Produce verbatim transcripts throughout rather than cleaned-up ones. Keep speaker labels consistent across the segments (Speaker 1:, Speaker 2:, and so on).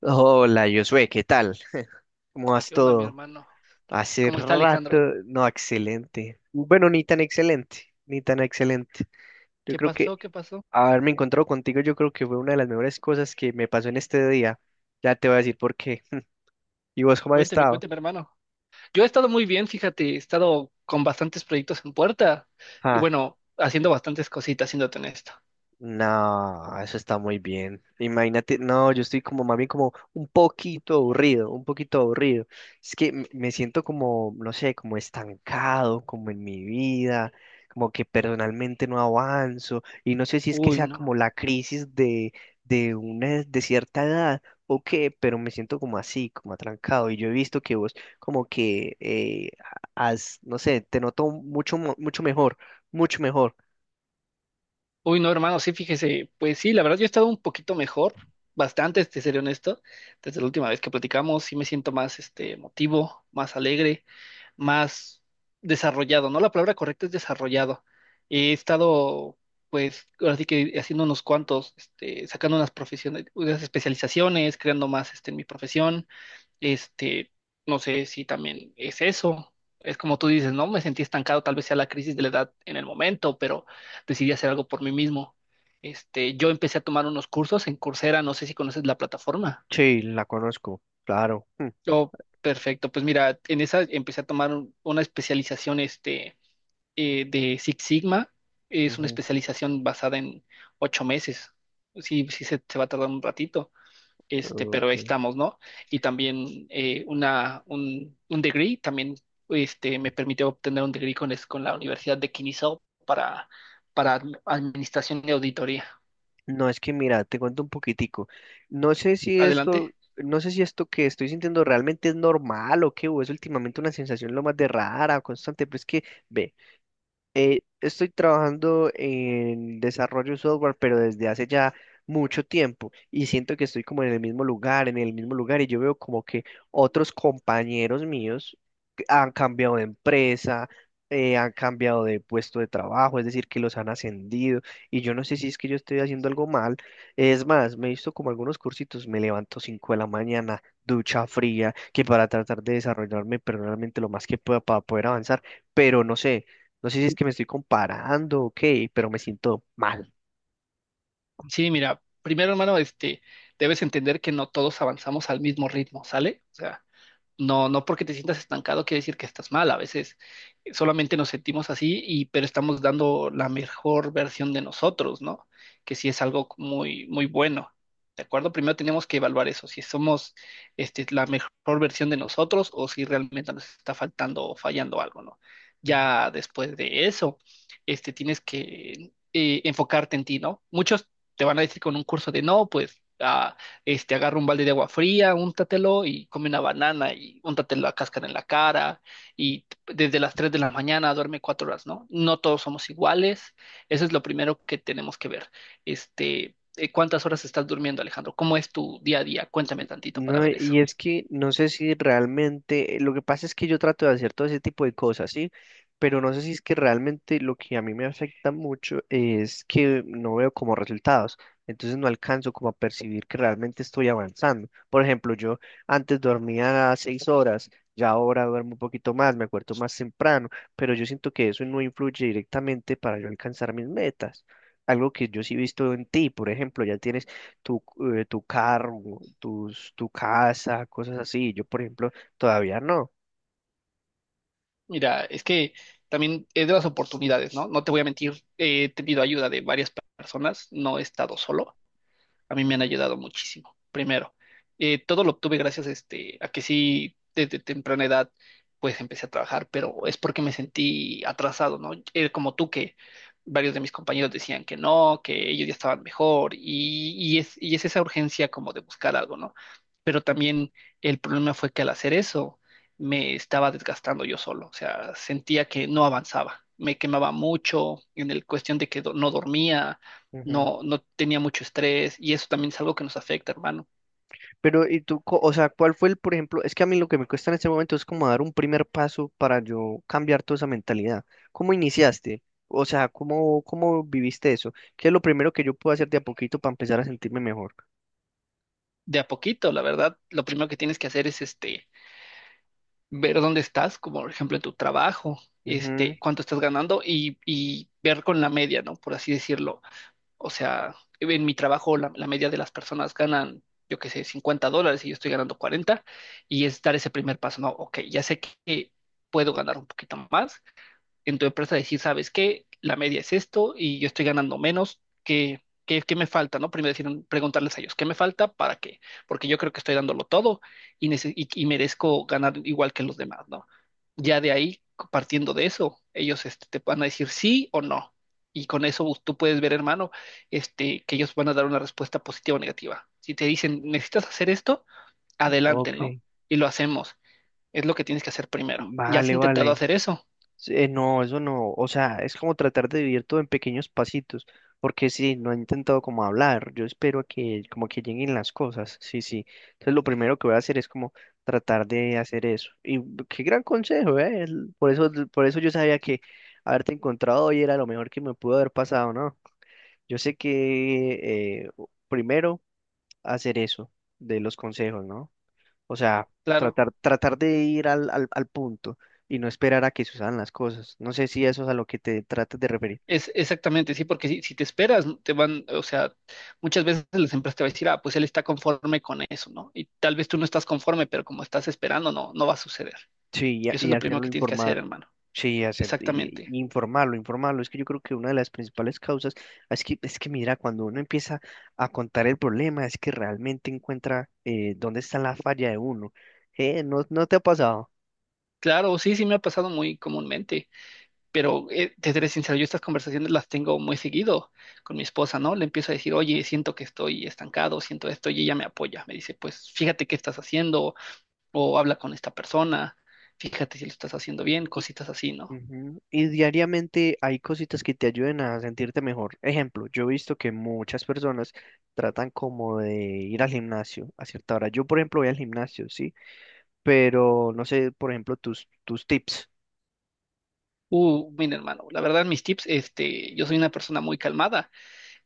Speaker 1: Hola, Josué, ¿qué tal? ¿Cómo vas
Speaker 2: ¿Qué onda, mi
Speaker 1: todo?
Speaker 2: hermano?
Speaker 1: Hace
Speaker 2: ¿Cómo está
Speaker 1: rato,
Speaker 2: Alejandro?
Speaker 1: no, excelente. Bueno, ni tan excelente, ni tan excelente. Yo
Speaker 2: ¿Qué
Speaker 1: creo que
Speaker 2: pasó? ¿Qué pasó?
Speaker 1: haberme encontrado contigo, yo creo que fue una de las mejores cosas que me pasó en este día. Ya te voy a decir por qué. ¿Y vos cómo has
Speaker 2: Cuénteme,
Speaker 1: estado?
Speaker 2: cuénteme, hermano. Yo he estado muy bien, fíjate, he estado con bastantes proyectos en puerta y
Speaker 1: Ah,
Speaker 2: bueno, haciendo bastantes cositas, siéndote honesto.
Speaker 1: no, eso está muy bien. Imagínate, no, yo estoy como más bien como un poquito aburrido, un poquito aburrido. Es que m- me siento como, no sé, como estancado, como en mi vida, como que personalmente no avanzo y no sé si es que
Speaker 2: Uy,
Speaker 1: sea
Speaker 2: no.
Speaker 1: como la crisis de, de una, de cierta edad o qué, pero me siento como así, como atrancado y yo he visto que vos como que eh, has, no sé, te noto mucho, mo- mucho mejor, mucho mejor.
Speaker 2: Uy, no, hermano, sí, fíjese. Pues sí, la verdad yo he estado un poquito mejor, bastante, te seré honesto. Desde la última vez que platicamos, sí me siento más, este, emotivo, más alegre. Más desarrollado, ¿no? La palabra correcta es desarrollado. He estado, pues, ahora sí que haciendo unos cuantos, este, sacando unas profesiones, unas especializaciones, creando más, este, en mi profesión. Este, no sé si también es eso. Es como tú dices, ¿no? Me sentí estancado, tal vez sea la crisis de la edad en el momento, pero decidí hacer algo por mí mismo. Este, yo empecé a tomar unos cursos en Coursera, no sé si conoces la plataforma.
Speaker 1: Sí, la conozco, claro. Mm,
Speaker 2: Oh, perfecto. Pues mira, en esa empecé a tomar un- una especialización, este, eh, de Six Sigma. Es una
Speaker 1: ujú,
Speaker 2: especialización basada en ocho meses. Sí, sí se, se va a tardar un ratito, este, pero ahí
Speaker 1: ok.
Speaker 2: estamos, ¿no? Y también eh, una, un, un degree, también este, me permitió obtener un degree con, es- con la Universidad de Kinizhau para, para admi- administración y auditoría.
Speaker 1: No, es que mira, te cuento un poquitico. No sé si esto,
Speaker 2: Adelante.
Speaker 1: no sé si esto que estoy sintiendo realmente es normal o qué, o es últimamente una sensación lo más de rara, constante, pero es que, ve. Eh, estoy trabajando en desarrollo de software, pero desde hace ya mucho tiempo y siento que estoy como en el mismo lugar, en el mismo lugar y yo veo como que otros compañeros míos que han cambiado de empresa, eh, han cambiado de puesto de trabajo, es decir, que los han ascendido y yo no sé si es que yo estoy haciendo algo mal. Es más, me he visto como algunos cursitos, me levanto cinco de la mañana, ducha fría, que para tratar de desarrollarme personalmente lo más que pueda para poder avanzar, pero no sé, no sé si es que me estoy comparando o qué, pero me siento mal.
Speaker 2: Sí, mira, primero, hermano, este, debes entender que no todos avanzamos al mismo ritmo, ¿sale? O sea, no, no porque te sientas estancado quiere decir que estás mal. A veces solamente nos sentimos así y pero estamos dando la mejor versión de nosotros, ¿no? Que sí es algo muy muy bueno. ¿De acuerdo? Primero tenemos que evaluar eso, si somos este, la mejor versión de nosotros o si realmente nos está faltando o fallando algo, ¿no? Ya después de eso, este, tienes que eh, enfocarte en ti, ¿no? Muchos te van a decir con un curso de no, pues ah, este, agarra un balde de agua fría, úntatelo y come una banana y úntatelo la cáscara en la cara y t- desde las tres de la mañana duerme cuatro horas, ¿no? No todos somos iguales, eso es lo primero que tenemos que ver. Este, eh, ¿cuántas horas estás durmiendo, Alejandro? ¿Cómo es tu día a día? Cuéntame tantito para
Speaker 1: No,
Speaker 2: ver eso.
Speaker 1: y es que no sé si realmente, eh, lo que pasa es que yo trato de hacer todo ese tipo de cosas, ¿sí? Pero no sé si es que realmente lo que a mí me afecta mucho es que no veo como resultados, entonces no alcanzo como a percibir que realmente estoy avanzando. Por ejemplo, yo antes dormía seis horas, ya ahora duermo un poquito más, me acuerdo más temprano, pero yo siento que eso no influye directamente para yo alcanzar mis metas. Algo que yo sí he visto en ti, por ejemplo, ya tienes tu, eh, tu carro, tus, tu casa, cosas así. Yo, por ejemplo, todavía no.
Speaker 2: Mira, es que también es de las oportunidades, ¿no? No te voy a mentir, he tenido ayuda de varias personas, no he estado solo, a mí me han ayudado muchísimo. Primero, eh, todo lo obtuve gracias este, a que sí, desde temprana edad, pues empecé a trabajar, pero es porque me sentí atrasado, ¿no? Eh, como tú, que varios de mis compañeros decían que no, que ellos ya estaban mejor, y, y es, y es esa urgencia como de buscar algo, ¿no? Pero también el problema fue que al hacer eso me estaba desgastando yo solo, o sea, sentía que no avanzaba, me quemaba mucho en el cuestión de que do- no dormía,
Speaker 1: Ujú.
Speaker 2: no, no tenía mucho estrés y eso también es algo que nos afecta, hermano.
Speaker 1: Pero, ¿y tú, co- o sea, cuál fue el, por ejemplo, es que a mí lo que me cuesta en este momento es como dar un primer paso para yo cambiar toda esa mentalidad. ¿Cómo iniciaste? O sea, ¿cómo, cómo viviste eso? ¿Qué es lo primero que yo puedo hacer de a poquito para empezar a sentirme mejor?
Speaker 2: De a poquito, la verdad, lo primero que tienes que hacer es este, ver dónde estás, como por ejemplo en tu trabajo,
Speaker 1: Ujú,
Speaker 2: este, cuánto estás ganando y, y ver con la media, ¿no? Por así decirlo. O sea, en mi trabajo la, la media de las personas ganan, yo qué sé, cincuenta dólares y yo estoy ganando cuarenta y es dar ese primer paso. No, ok, ya sé que puedo ganar un poquito más, en tu empresa decir, ¿sabes qué? La media es esto y yo estoy ganando menos, ¿qué, qué, qué me falta? ¿No? Primero decir, preguntarles a ellos, ¿qué me falta? ¿Para qué? Porque yo creo que estoy dándolo todo y, nece- y, y merezco ganar igual que los demás, ¿no? Ya de ahí, partiendo de eso, ellos este, te van a decir sí o no. Y con eso pues, tú puedes ver, hermano, este, que ellos van a dar una respuesta positiva o negativa. Si te dicen, necesitas hacer esto, adelante,
Speaker 1: ok.
Speaker 2: ¿no? Y lo hacemos. Es lo que tienes que hacer primero. ¿Ya has
Speaker 1: Vale,
Speaker 2: intentado
Speaker 1: vale.
Speaker 2: hacer eso?
Speaker 1: Sí, Eh, no, eso no, o sea, es como tratar de vivir todo en pequeños pasitos, porque sí, no he intentado como hablar, yo espero a que como que lleguen las cosas, sí, sí. Entonces lo primero que voy a hacer es como tratar de hacer eso. Y qué gran consejo, ¿eh? El- Por eso, por eso yo sabía que haberte encontrado hoy era lo mejor que me pudo haber pasado, ¿no? Yo sé que eh, primero hacer eso de los consejos, ¿no? O sea,
Speaker 2: Claro.
Speaker 1: tratar, tratar de ir al, al, al punto y no esperar a que sucedan las cosas. No sé si eso es a lo que te tratas de referir.
Speaker 2: Es exactamente, sí, porque si, si te esperas, te van, o sea, muchas veces las empresas te van a decir, ah, pues él está conforme con eso, ¿no? Y tal vez tú no estás conforme, pero como estás esperando, no, no va a suceder.
Speaker 1: Sí, y,
Speaker 2: Y
Speaker 1: ha-
Speaker 2: eso es
Speaker 1: y
Speaker 2: lo primero
Speaker 1: hacerlo
Speaker 2: que tienes que hacer,
Speaker 1: informar.
Speaker 2: hermano.
Speaker 1: Sí, hacer, y-
Speaker 2: Exactamente.
Speaker 1: y informarlo, informarlo. Es que yo creo que una de las principales causas es que, es que, mira, cuando uno empieza a contar el problema, es que realmente encuentra eh, dónde está la falla de uno. Eh, ¿no, ¿no te ha pasado?
Speaker 2: Claro, sí, sí me ha pasado muy comúnmente, pero eh, te seré sincero, yo estas conversaciones las tengo muy seguido con mi esposa, ¿no? Le empiezo a decir, oye, siento que estoy estancado, siento esto, y ella me apoya, me dice, pues fíjate qué estás haciendo, o habla con esta persona, fíjate si lo estás haciendo bien, cositas así, ¿no?
Speaker 1: Ujú. Y diariamente hay cositas que te ayuden a sentirte mejor. Ejemplo, yo he visto que muchas personas tratan como de ir al gimnasio a cierta hora. Yo, por ejemplo, voy al gimnasio, sí, pero no sé, por ejemplo, tus, tus tips.
Speaker 2: Uh, mira, hermano, la verdad, mis tips, este, yo soy una persona muy calmada.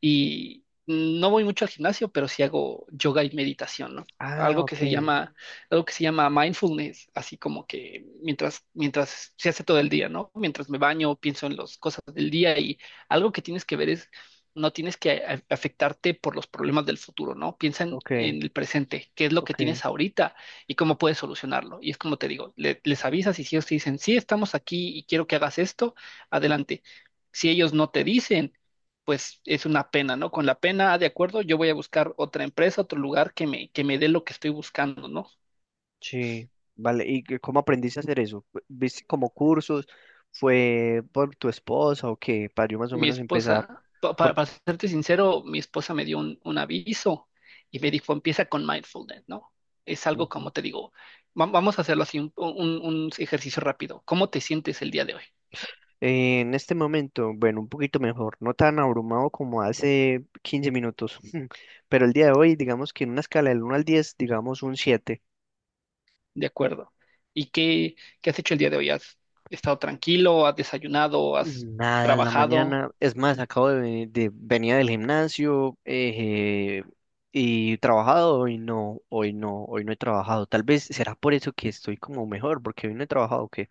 Speaker 2: Y no voy mucho al gimnasio, pero sí hago yoga y meditación, ¿no?
Speaker 1: Ah,
Speaker 2: Algo que
Speaker 1: ok,
Speaker 2: se llama, algo que se llama mindfulness, así como que mientras, mientras se hace todo el día, ¿no? Mientras me baño, pienso en las cosas del día y algo que tienes que ver es, no tienes que a- afectarte por los problemas del futuro, ¿no? Piensa en,
Speaker 1: ok,
Speaker 2: en el presente, qué es lo que
Speaker 1: ok,
Speaker 2: tienes ahorita y cómo puedes solucionarlo. Y es como te digo, le- les avisas y si ellos te dicen, sí, estamos aquí y quiero que hagas esto, adelante. Si ellos no te dicen, pues es una pena, ¿no? Con la pena, ah, de acuerdo, yo voy a buscar otra empresa, otro lugar que me, que me dé lo que estoy buscando, ¿no?
Speaker 1: sí, vale. ¿Y qué- cómo aprendiste a hacer eso? Fu- ¿Viste como cursos? ¿Fue por tu esposa o qué? Para yo más o
Speaker 2: Mi
Speaker 1: menos empezar.
Speaker 2: esposa, pa- pa-
Speaker 1: Por.
Speaker 2: para, serte sincero, mi esposa me dio un, un aviso y me dijo, empieza con mindfulness, ¿no? Es algo como te digo, va- vamos a hacerlo así, un, un- un ejercicio rápido. ¿Cómo te sientes el día de hoy?
Speaker 1: Eh, en este momento, bueno, un poquito mejor, no tan abrumado como hace quince minutos, pero el día de hoy, digamos que en una escala del uno al diez, digamos un siete.
Speaker 2: De acuerdo. ¿Y qué, qué has hecho el día de hoy? ¿Has estado tranquilo? ¿Has desayunado? ¿Has
Speaker 1: Nada en la
Speaker 2: trabajado?
Speaker 1: mañana, es más, acabo de, venir- de venía del gimnasio eh, y trabajado, hoy no, hoy no, hoy no he trabajado. Tal vez será por eso que estoy como mejor, porque hoy no he trabajado. ¿Qué?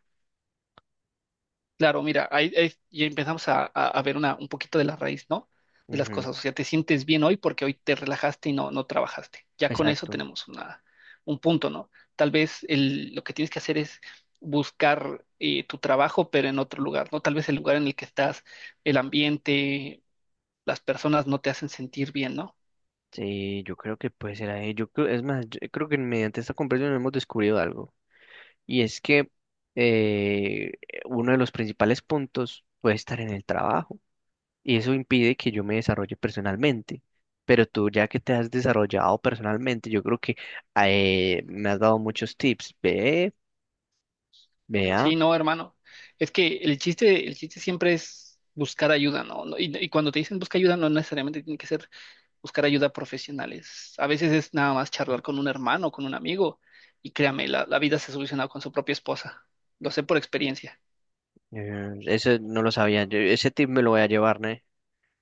Speaker 2: Claro, mira, ahí, ahí ya empezamos a, a- a ver una, un poquito de la raíz, ¿no? De las
Speaker 1: Que.
Speaker 2: cosas. O sea, te sientes bien hoy porque hoy te relajaste y no, no trabajaste. Ya con eso
Speaker 1: Exacto.
Speaker 2: tenemos una, un punto, ¿no? Tal vez el, lo que tienes que hacer es buscar eh, tu trabajo, pero en otro lugar, ¿no? Tal vez el lugar en el que estás, el ambiente, las personas no te hacen sentir bien, ¿no?
Speaker 1: Sí, yo creo que puede ser ahí. Yo creo, es más, yo creo que mediante esta conversación hemos descubierto algo. Y es que eh, uno de los principales puntos puede estar en el trabajo y eso impide que yo me desarrolle personalmente. Pero tú ya que te has desarrollado personalmente, yo creo que eh, me has dado muchos tips. Ve, vea,
Speaker 2: Sí, no, hermano. Es que el chiste, el chiste siempre es buscar ayuda, ¿no? No. Y, y cuando te dicen busca ayuda, no necesariamente tiene que ser buscar ayuda profesionales. A veces es nada más charlar con un hermano, con un amigo, y créame, la, la vida se soluciona con su propia esposa. Lo sé por experiencia.
Speaker 1: eh, ese no lo sabía. Yo- ese tip me lo voy a llevar, ¿no?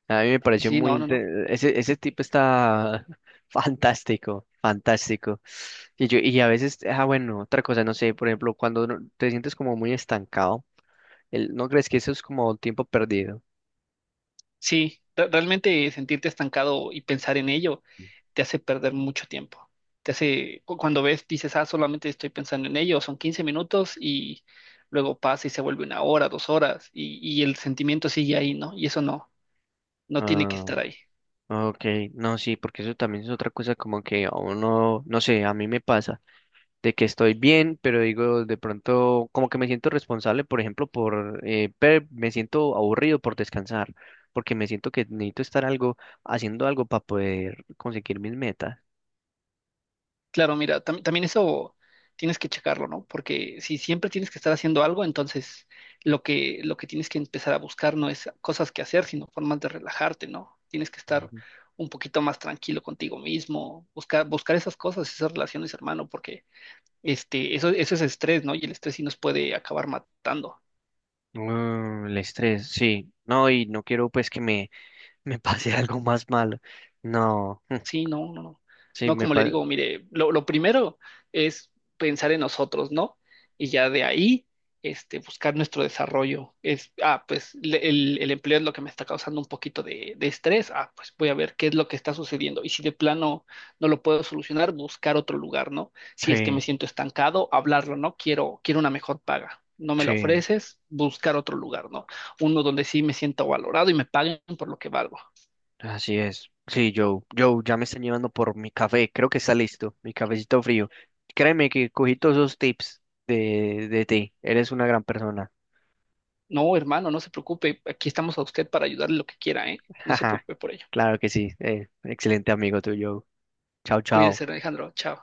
Speaker 1: A mí me pareció
Speaker 2: Sí,
Speaker 1: muy...
Speaker 2: no, no, no.
Speaker 1: inte- Ese, ese tip está fantástico, fantástico. Y, yo, y a veces, ah, bueno, otra cosa, no sé, por ejemplo, cuando uno- te sientes como muy estancado. El- ¿no crees que eso es como tiempo perdido?
Speaker 2: Sí, re- realmente sentirte estancado y pensar en ello te hace perder mucho tiempo. Te hace, cu- cuando ves, dices, ah, solamente estoy pensando en ello, son quince minutos y luego pasa y se vuelve una hora, dos horas, y, y el sentimiento sigue ahí, ¿no? Y eso no, no tiene que
Speaker 1: Ah,
Speaker 2: estar ahí.
Speaker 1: ok, no, sí, porque eso también es otra cosa como que a uno, no sé, a mí me pasa de que estoy bien, pero digo, de pronto como que me siento responsable, por ejemplo, por, eh, pe- me siento aburrido por descansar, porque me siento que necesito estar algo, haciendo algo para poder conseguir mis metas.
Speaker 2: Claro, mira, tam- también eso tienes que checarlo, ¿no? Porque si siempre tienes que estar haciendo algo, entonces lo que, lo que tienes que empezar a buscar no es cosas que hacer, sino formas de relajarte, ¿no? Tienes que estar
Speaker 1: Ujú.
Speaker 2: un poquito más tranquilo contigo mismo, buscar, buscar esas cosas, esas relaciones, hermano, porque este, eso, eso es estrés, ¿no? Y el estrés sí nos puede acabar matando.
Speaker 1: Mm, el estrés, sí. No, y no quiero pues que me, me pase algo más malo. No,
Speaker 2: Sí, no, no, no.
Speaker 1: sí,
Speaker 2: No,
Speaker 1: me
Speaker 2: como le
Speaker 1: pasa.
Speaker 2: digo, mire, lo, lo primero es pensar en nosotros, ¿no? Y ya de ahí, este, buscar nuestro desarrollo. Es, ah, pues le- el, el empleo es lo que me está causando un poquito de, de estrés. Ah, pues voy a ver qué es lo que está sucediendo. Y si de plano no lo puedo solucionar, buscar otro lugar, ¿no? Si es que me
Speaker 1: Sí,
Speaker 2: siento estancado, hablarlo, ¿no? Quiero, quiero una mejor paga. No me la
Speaker 1: sí.
Speaker 2: ofreces, buscar otro lugar, ¿no? Uno donde sí me siento valorado y me paguen por lo que valgo.
Speaker 1: Así es. Sí, Joe. Joe, ya me están llevando por mi café. Creo que está listo. Mi cafecito frío. Créeme que cogí todos esos tips de, de ti. Eres una gran persona.
Speaker 2: No, hermano, no se preocupe. Aquí estamos a usted para ayudarle lo que quiera, ¿eh? No se
Speaker 1: Jaja.
Speaker 2: preocupe por ello.
Speaker 1: Claro que sí. Eh, excelente amigo tuyo. Chao, chao.
Speaker 2: Cuídese, Alejandro. Chao.